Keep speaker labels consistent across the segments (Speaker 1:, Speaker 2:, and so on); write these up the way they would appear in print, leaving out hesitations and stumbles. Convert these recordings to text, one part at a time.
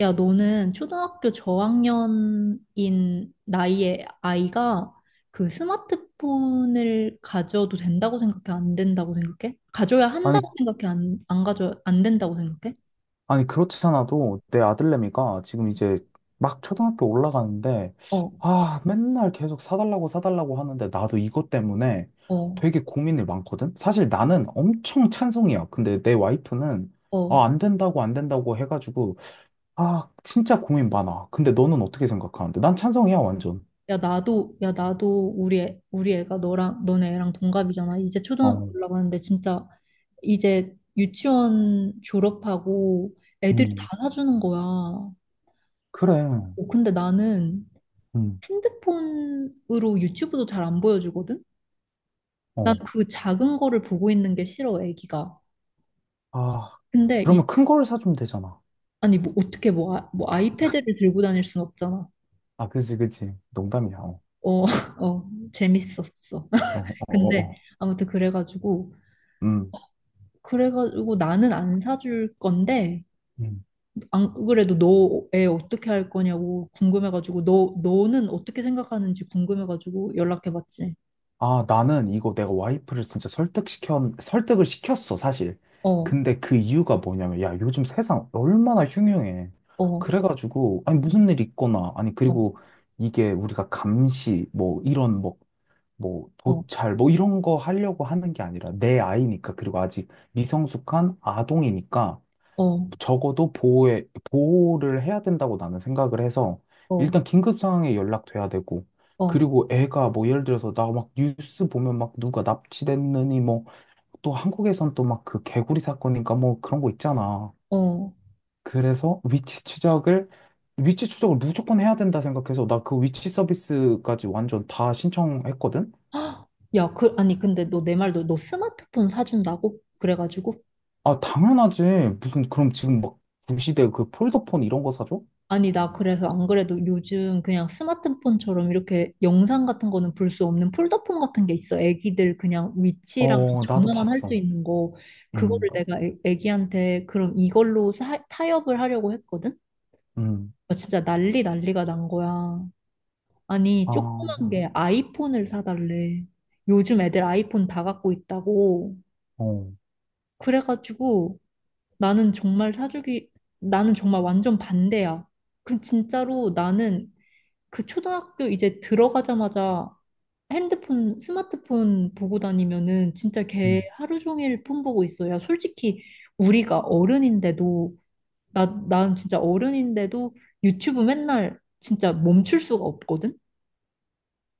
Speaker 1: 야, 너는 초등학교 저학년인 나이의 아이가 그 스마트폰을 가져도 된다고 생각해? 안 된다고 생각해? 가져야 한다고
Speaker 2: 아니,
Speaker 1: 생각해? 안 된다고 생각해?
Speaker 2: 아니, 그렇지 않아도 내 아들내미가 지금 이제 막 초등학교 올라가는데,
Speaker 1: 어,
Speaker 2: 아, 맨날 계속 사달라고 사달라고 하는데, 나도 이것 때문에
Speaker 1: 어,
Speaker 2: 되게 고민이 많거든? 사실 나는 엄청 찬성이야. 근데 내 와이프는,
Speaker 1: 어.
Speaker 2: 아, 안 된다고, 안 된다고 해가지고, 아, 진짜 고민 많아. 근데 너는 어떻게 생각하는데? 난 찬성이야, 완전.
Speaker 1: 야, 나도, 야, 나도 우리 애가 너랑, 너네 애랑 동갑이잖아. 이제 초등학교
Speaker 2: 어,
Speaker 1: 올라가는데 진짜 이제 유치원 졸업하고 애들이 다
Speaker 2: 음,
Speaker 1: 사주는 거야. 어,
Speaker 2: 그래.
Speaker 1: 근데 나는
Speaker 2: 음,
Speaker 1: 핸드폰으로 유튜브도 잘 안 보여주거든? 난
Speaker 2: 어.
Speaker 1: 그 작은 거를 보고 있는 게 싫어, 애기가.
Speaker 2: 아,
Speaker 1: 근데 이,
Speaker 2: 그러면 큰 걸 사주면 되잖아.
Speaker 1: 아니 뭐 어떻게 뭐, 아, 뭐 아이패드를 들고 다닐 순 없잖아.
Speaker 2: 아, 그지, 그지. 농담이야. 어,
Speaker 1: 어, 어, 재밌었어.
Speaker 2: 어, 어, 어.
Speaker 1: 근데
Speaker 2: 어.
Speaker 1: 아무튼 그래가지고
Speaker 2: 음.
Speaker 1: 그래가지고 나는 안 사줄 건데
Speaker 2: 음.
Speaker 1: 안 그래도 너 애 어떻게 할 거냐고 궁금해가지고 너 너는 어떻게 생각하는지 궁금해가지고 연락해봤지.
Speaker 2: 아, 나는 이거 내가 와이프를 진짜 설득을 시켰어, 사실.
Speaker 1: 어,
Speaker 2: 근데 그 이유가 뭐냐면, 야, 요즘 세상 얼마나 흉흉해.
Speaker 1: 어,
Speaker 2: 그래가지고, 아니,
Speaker 1: 응,
Speaker 2: 무슨 일 있거나, 아니,
Speaker 1: 어,
Speaker 2: 그리고 이게 우리가 감시, 뭐, 이런, 뭐, 뭐,
Speaker 1: 어,
Speaker 2: 도찰, 뭐, 이런 거 하려고 하는 게 아니라 내 아이니까, 그리고 아직 미성숙한 아동이니까,
Speaker 1: 어,
Speaker 2: 적어도 보호에, 보호를 해야 된다고 나는 생각을 해서
Speaker 1: 어,
Speaker 2: 일단 긴급 상황에 연락돼야 되고
Speaker 1: 어,
Speaker 2: 그리고 애가 뭐 예를 들어서 나 막 뉴스 보면 막 누가 납치됐느니 뭐 또 한국에선 또 막 그 개구리 사건인가 뭐 그런 거 있잖아.
Speaker 1: 어.
Speaker 2: 그래서 위치 추적을 무조건 해야 된다 생각해서 나 그 위치 서비스까지 완전 다 신청했거든.
Speaker 1: 헉, 야, 그, 아니, 근데 너 내 말도 너 스마트폰 사준다고? 그래가지고?
Speaker 2: 아, 당연하지. 무슨 그럼 지금 막 구시대 그 폴더폰 이런 거 사줘?
Speaker 1: 아니, 나 그래서 안 그래도 요즘 그냥 스마트폰처럼 이렇게 영상 같은 거는 볼 수 없는 폴더폰 같은 게 있어. 애기들 그냥 위치랑
Speaker 2: 어, 나도
Speaker 1: 전화만 할 수
Speaker 2: 봤어.
Speaker 1: 있는 거.
Speaker 2: 음.
Speaker 1: 그거를 내가 애기한테 그럼 이걸로 사, 타협을 하려고 했거든?
Speaker 2: 음.
Speaker 1: 아, 진짜 난리 난리가 난 거야. 아니,
Speaker 2: 아,
Speaker 1: 조그만
Speaker 2: 어,
Speaker 1: 게 아이폰을 사달래. 요즘 애들 아이폰 다 갖고 있다고.
Speaker 2: 어,
Speaker 1: 그래가지고 나는 정말 사주기, 나는 정말 완전 반대야. 그 진짜로 나는 그 초등학교 이제 들어가자마자 핸드폰, 스마트폰 보고 다니면은 진짜 걔
Speaker 2: 음,
Speaker 1: 하루 종일 폰 보고 있어. 야, 솔직히 우리가 어른인데도, 나, 난 진짜 어른인데도 유튜브 맨날 진짜 멈출 수가 없거든?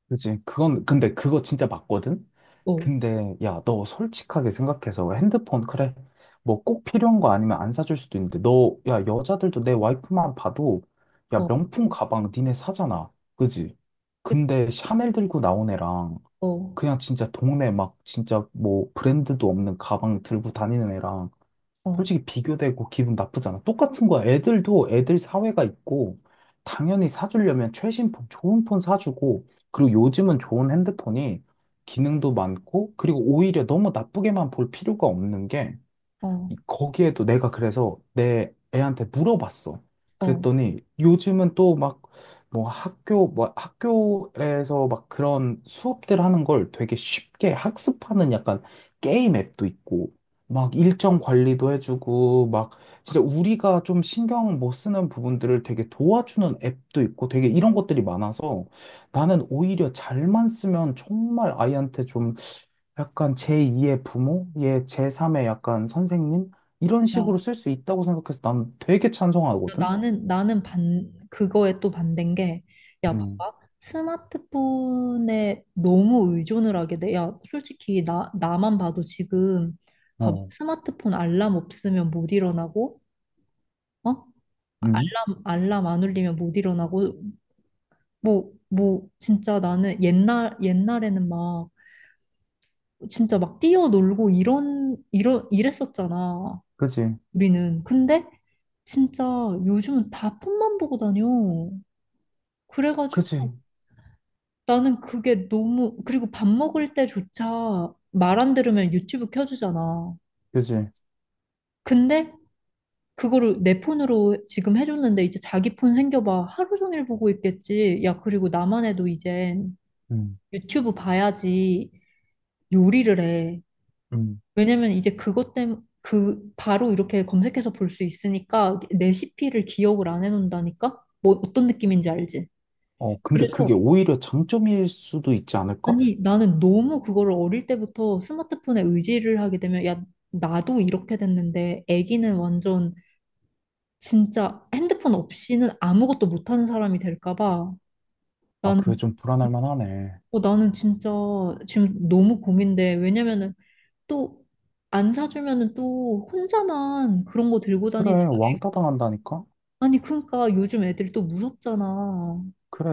Speaker 2: 그치. 그건, 근데 그거 진짜 맞거든?
Speaker 1: 어,
Speaker 2: 근데, 야, 너 솔직하게 생각해서 핸드폰, 그래. 뭐 꼭 필요한 거 아니면 안 사줄 수도 있는데, 너, 야, 여자들도 내 와이프만 봐도, 야,
Speaker 1: 어,
Speaker 2: 명품 가방 니네 사잖아. 그지?
Speaker 1: 그
Speaker 2: 근데 샤넬 들고 나온 애랑,
Speaker 1: 어,
Speaker 2: 그냥 진짜 동네 막, 진짜 뭐 브랜드도 없는 가방 들고 다니는 애랑,
Speaker 1: 어,
Speaker 2: 솔직히 비교되고 기분 나쁘잖아. 똑같은 거야. 애들도 애들 사회가 있고, 당연히 사주려면 최신 폰, 좋은 폰 사주고, 그리고 요즘은 좋은 핸드폰이 기능도 많고, 그리고 오히려 너무 나쁘게만 볼 필요가 없는 게,
Speaker 1: 어,
Speaker 2: 거기에도 내가 그래서 내 애한테 물어봤어.
Speaker 1: 어.
Speaker 2: 그랬더니 요즘은 또 막 뭐 학교 뭐 학교에서 막 그런 수업들 하는 걸 되게 쉽게 학습하는 약간 게임 앱도 있고 막 일정 관리도 해주고 막 진짜 우리가 좀 신경 못 쓰는 부분들을 되게 도와주는 앱도 있고 되게 이런 것들이 많아서 나는 오히려 잘만 쓰면 정말 아이한테 약간 제2의 부모, 예, 제3의 약간 선생님 이런
Speaker 1: 야.
Speaker 2: 식으로 쓸 수 있다고 생각해서 난 되게 찬성하거든.
Speaker 1: 나는 반 그거에 또 반대인 게 야
Speaker 2: 음,
Speaker 1: 봐봐 스마트폰에 너무 의존을 하게 돼. 야 솔직히 나 나만 봐도 지금 봐봐
Speaker 2: 어,
Speaker 1: 스마트폰 알람 없으면 못 일어나고 어
Speaker 2: 음,
Speaker 1: 알람 안 울리면 못 일어나고 뭐 진짜 나는 옛날에는 막 진짜 막 뛰어놀고 이런 이런 이랬었잖아
Speaker 2: 그지,
Speaker 1: 우리는 근데 진짜 요즘은 다 폰만 보고 다녀 그래가지고
Speaker 2: 그지,
Speaker 1: 나는 그게 너무, 그리고 밥 먹을 때조차 말 안 들으면 유튜브 켜주잖아.
Speaker 2: 그지,
Speaker 1: 근데 그거를 내 폰으로 지금 해줬는데 이제 자기 폰 생겨봐. 하루 종일 보고 있겠지. 야, 그리고 나만 해도 이제
Speaker 2: 음,
Speaker 1: 유튜브 봐야지 요리를 해.
Speaker 2: 음.
Speaker 1: 왜냐면 이제 그것 때문에 그 바로 이렇게 검색해서 볼 수 있으니까 레시피를 기억을 안 해놓는다니까? 뭐 어떤 느낌인지 알지?
Speaker 2: 어, 근데
Speaker 1: 그래서
Speaker 2: 그게 오히려 장점일 수도 있지 않을까?
Speaker 1: 아니, 나는 너무 그거를 어릴 때부터 스마트폰에 의지를 하게 되면, 야, 나도 이렇게 됐는데, 애기는 완전 진짜 핸드폰 없이는 아무것도 못하는 사람이 될까 봐.
Speaker 2: 아,
Speaker 1: 나는,
Speaker 2: 그게 좀 불안할 만하네.
Speaker 1: 어, 나는 진짜 지금 너무 고민돼. 왜냐면은 또 안 사주면은 또 혼자만 그런 거 들고
Speaker 2: 그래,
Speaker 1: 다니다가,
Speaker 2: 왕따
Speaker 1: 애-
Speaker 2: 당한다니까?
Speaker 1: 아니, 그러니까 요즘 애들이 또 무섭잖아.
Speaker 2: 그래.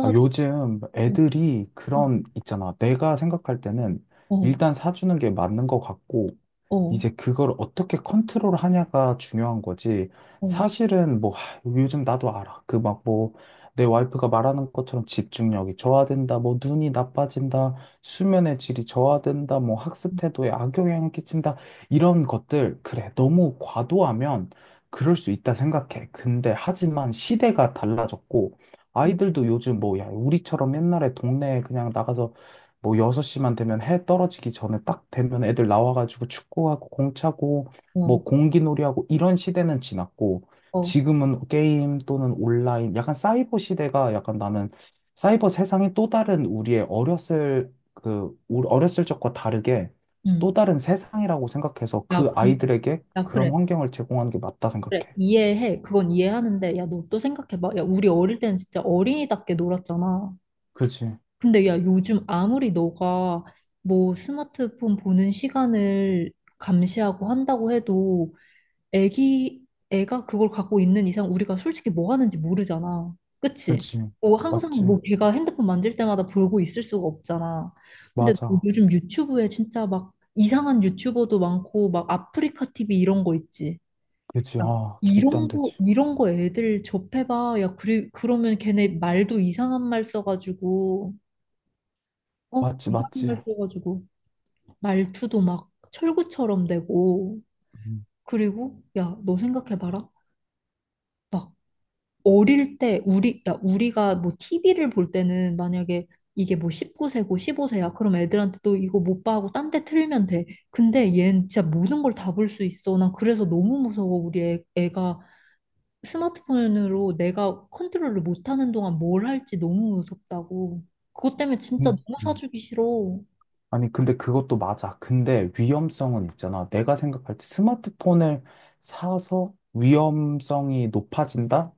Speaker 2: 아, 요즘
Speaker 1: 어,
Speaker 2: 애들이 그런, 있잖아. 내가 생각할 때는
Speaker 1: 어,
Speaker 2: 일단 사주는 게 맞는 것 같고,
Speaker 1: 어,
Speaker 2: 이제 그걸 어떻게 컨트롤 하냐가 중요한 거지.
Speaker 1: 어,
Speaker 2: 사실은 뭐, 하, 요즘 나도 알아. 그 막 뭐, 내 와이프가 말하는 것처럼 집중력이 저하된다, 뭐, 눈이 나빠진다, 수면의 질이 저하된다, 뭐, 학습 태도에 악영향을 끼친다, 이런 것들. 그래, 너무 과도하면 그럴 수 있다 생각해. 근데 하지만 시대가 달라졌고,
Speaker 1: 어,
Speaker 2: 아이들도 요즘 뭐, 야, 우리처럼 옛날에 동네에 그냥 나가서 뭐 6시만 되면 해 떨어지기 전에 딱 되면 애들 나와가지고 축구하고 공 차고 뭐
Speaker 1: 어,
Speaker 2: 공기놀이하고 이런 시대는 지났고
Speaker 1: 어.
Speaker 2: 지금은 게임 또는 온라인 약간 사이버 시대가 약간 나는 사이버 세상이 또 다른 우리의 어렸을 그 어렸을 적과 다르게 또
Speaker 1: 음.
Speaker 2: 다른 세상이라고 생각해서
Speaker 1: 야,
Speaker 2: 그 아이들에게
Speaker 1: 야, 그래.
Speaker 2: 그런 환경을 제공하는 게 맞다
Speaker 1: 그래.
Speaker 2: 생각해.
Speaker 1: 이해해. 그건 이해하는데, 야, 너 또 생각해봐. 야, 우리 어릴 때는 진짜 어린이답게 놀았잖아.
Speaker 2: 그지,
Speaker 1: 근데 야, 요즘 아무리 너가 뭐 스마트폰 보는 시간을 감시하고 한다고 해도 애기, 애가 그걸 갖고 있는 이상 우리가 솔직히 뭐 하는지 모르잖아. 그치?
Speaker 2: 그지,
Speaker 1: 뭐 항상
Speaker 2: 맞지,
Speaker 1: 뭐 걔가 핸드폰 만질 때마다 보고 있을 수가 없잖아. 근데
Speaker 2: 맞아.
Speaker 1: 요즘 유튜브에 진짜 막 이상한 유튜버도 많고 막 아프리카 TV 이런 거 있지.
Speaker 2: 그지,
Speaker 1: 야,
Speaker 2: 아, 절대 안
Speaker 1: 이런 거,
Speaker 2: 되지.
Speaker 1: 이런 거 애들 접해봐. 야, 그리, 그러면 걔네 말도 이상한 말 써가지고, 어?
Speaker 2: 맞지,
Speaker 1: 이상한
Speaker 2: 맞지.
Speaker 1: 말 써가지고, 말투도 막 철구처럼 되고.
Speaker 2: 음,
Speaker 1: 그리고, 야, 너 생각해봐라. 막, 어릴 때, 우리, 야, 우리가 뭐 TV를 볼 때는 만약에 이게 뭐 19세고 15세야. 그럼 애들한테 또 이거 못 봐 하고 딴 데 틀면 돼. 근데 얘는 진짜 모든 걸 다 볼 수 있어. 난 그래서 너무 무서워, 우리 애가. 스마트폰으로 내가 컨트롤을 못하는 동안 뭘 할지 너무 무섭다고. 그것 때문에 진짜
Speaker 2: 음,
Speaker 1: 너무
Speaker 2: 음.
Speaker 1: 사주기 싫어.
Speaker 2: 아니, 근데 그것도 맞아. 근데 위험성은 있잖아. 내가 생각할 때 스마트폰을 사서 위험성이 높아진다?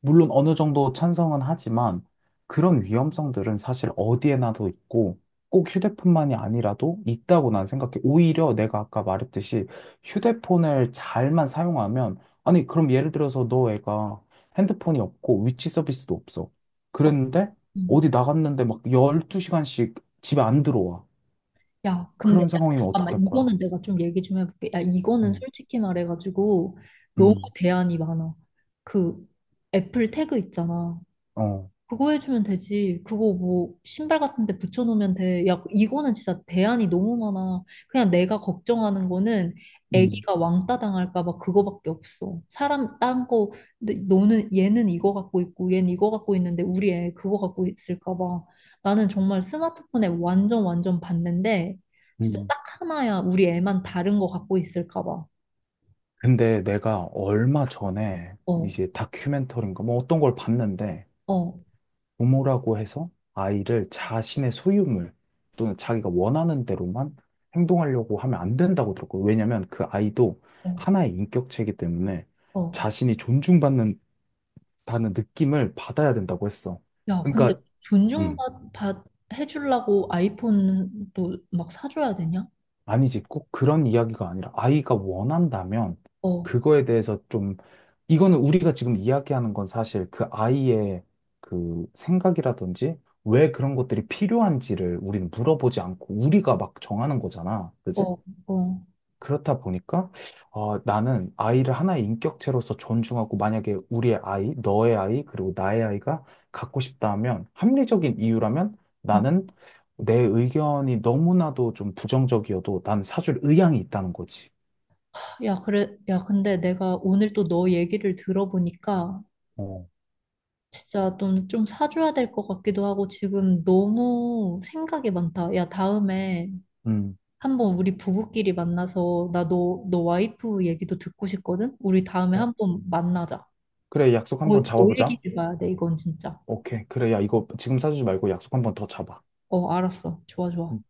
Speaker 2: 물론 어느 정도 찬성은 하지만 그런 위험성들은 사실 어디에나도 있고 꼭 휴대폰만이 아니라도 있다고 난 생각해. 오히려 내가 아까 말했듯이 휴대폰을 잘만 사용하면, 아니, 그럼 예를 들어서 너 애가 핸드폰이 없고 위치 서비스도 없어. 그랬는데
Speaker 1: 음.
Speaker 2: 어디 나갔는데 막 12시간씩 집에 안 들어와.
Speaker 1: 야, 근데 야,
Speaker 2: 그런 상황이면
Speaker 1: 잠깐만
Speaker 2: 어떡할 거야?
Speaker 1: 이거는 내가 좀 얘기 좀 해볼게. 야, 이거는
Speaker 2: 음,
Speaker 1: 솔직히 말해가지고 너무
Speaker 2: 음,
Speaker 1: 대안이 많아. 그 애플 태그 있잖아.
Speaker 2: 어.
Speaker 1: 그거 해주면 되지. 그거 뭐 신발 같은 데 붙여놓으면 돼. 야, 이거는 진짜 대안이 너무 많아. 그냥 내가 걱정하는 거는
Speaker 2: 음,
Speaker 1: 애기가 왕따 당할까 봐 그거밖에 없어. 사람 딴 거, 근데 너는 얘는 이거 갖고 있고 얘는 이거 갖고 있는데 우리 애 그거 갖고 있을까 봐. 나는 정말 스마트폰에 완전 완전 봤는데 진짜
Speaker 2: 음,
Speaker 1: 딱 하나야 우리 애만 다른 거 갖고 있을까 봐.
Speaker 2: 근데 내가 얼마 전에
Speaker 1: 어,
Speaker 2: 이제 다큐멘터리인가 뭐 어떤 걸 봤는데
Speaker 1: 어,
Speaker 2: 부모라고 해서 아이를 자신의 소유물 또는 자기가 원하는 대로만 행동하려고 하면 안 된다고 들었고 왜냐면 그 아이도
Speaker 1: 어,
Speaker 2: 하나의 인격체이기 때문에
Speaker 1: 어.
Speaker 2: 자신이 존중받는다는 느낌을 받아야 된다고 했어.
Speaker 1: 야, 근데
Speaker 2: 그러니까 음,
Speaker 1: 존중받 받, 해주려고 아이폰도 막 사줘야 되냐?
Speaker 2: 아니지, 꼭 그런 이야기가 아니라 아이가 원한다면
Speaker 1: 어,
Speaker 2: 그거에 대해서 좀, 이거는 우리가 지금 이야기하는 건 사실 그 아이의 그 생각이라든지 왜 그런 것들이 필요한지를 우리는 물어보지 않고 우리가 막 정하는 거잖아.
Speaker 1: 어,
Speaker 2: 그지?
Speaker 1: 어.
Speaker 2: 그렇다 보니까 어, 나는 아이를 하나의 인격체로서 존중하고 만약에 우리의 아이, 너의 아이, 그리고 나의 아이가 갖고 싶다 하면 합리적인 이유라면
Speaker 1: 응.
Speaker 2: 나는 내 의견이 너무나도 좀 부정적이어도 난 사줄 의향이 있다는 거지.
Speaker 1: 야, 그래, 야, 근데 내가 오늘 또 너 얘기를 들어보니까
Speaker 2: 어,
Speaker 1: 진짜 좀 사줘야 될 것 같기도 하고 지금 너무 생각이 많다. 야, 다음에
Speaker 2: 음.
Speaker 1: 한번 우리 부부끼리 만나서 나 너 와이프 얘기도 듣고 싶거든? 우리 다음에
Speaker 2: 어,
Speaker 1: 한번 만나자.
Speaker 2: 그래, 약속
Speaker 1: 어,
Speaker 2: 한번
Speaker 1: 더
Speaker 2: 잡아보자.
Speaker 1: 얘기해봐야 돼, 이건 진짜.
Speaker 2: 오케이. 그래, 야, 이거 지금 사주지 말고 약속 한번 더 잡아.
Speaker 1: 어, 알았어. 좋아, 좋아.
Speaker 2: 음.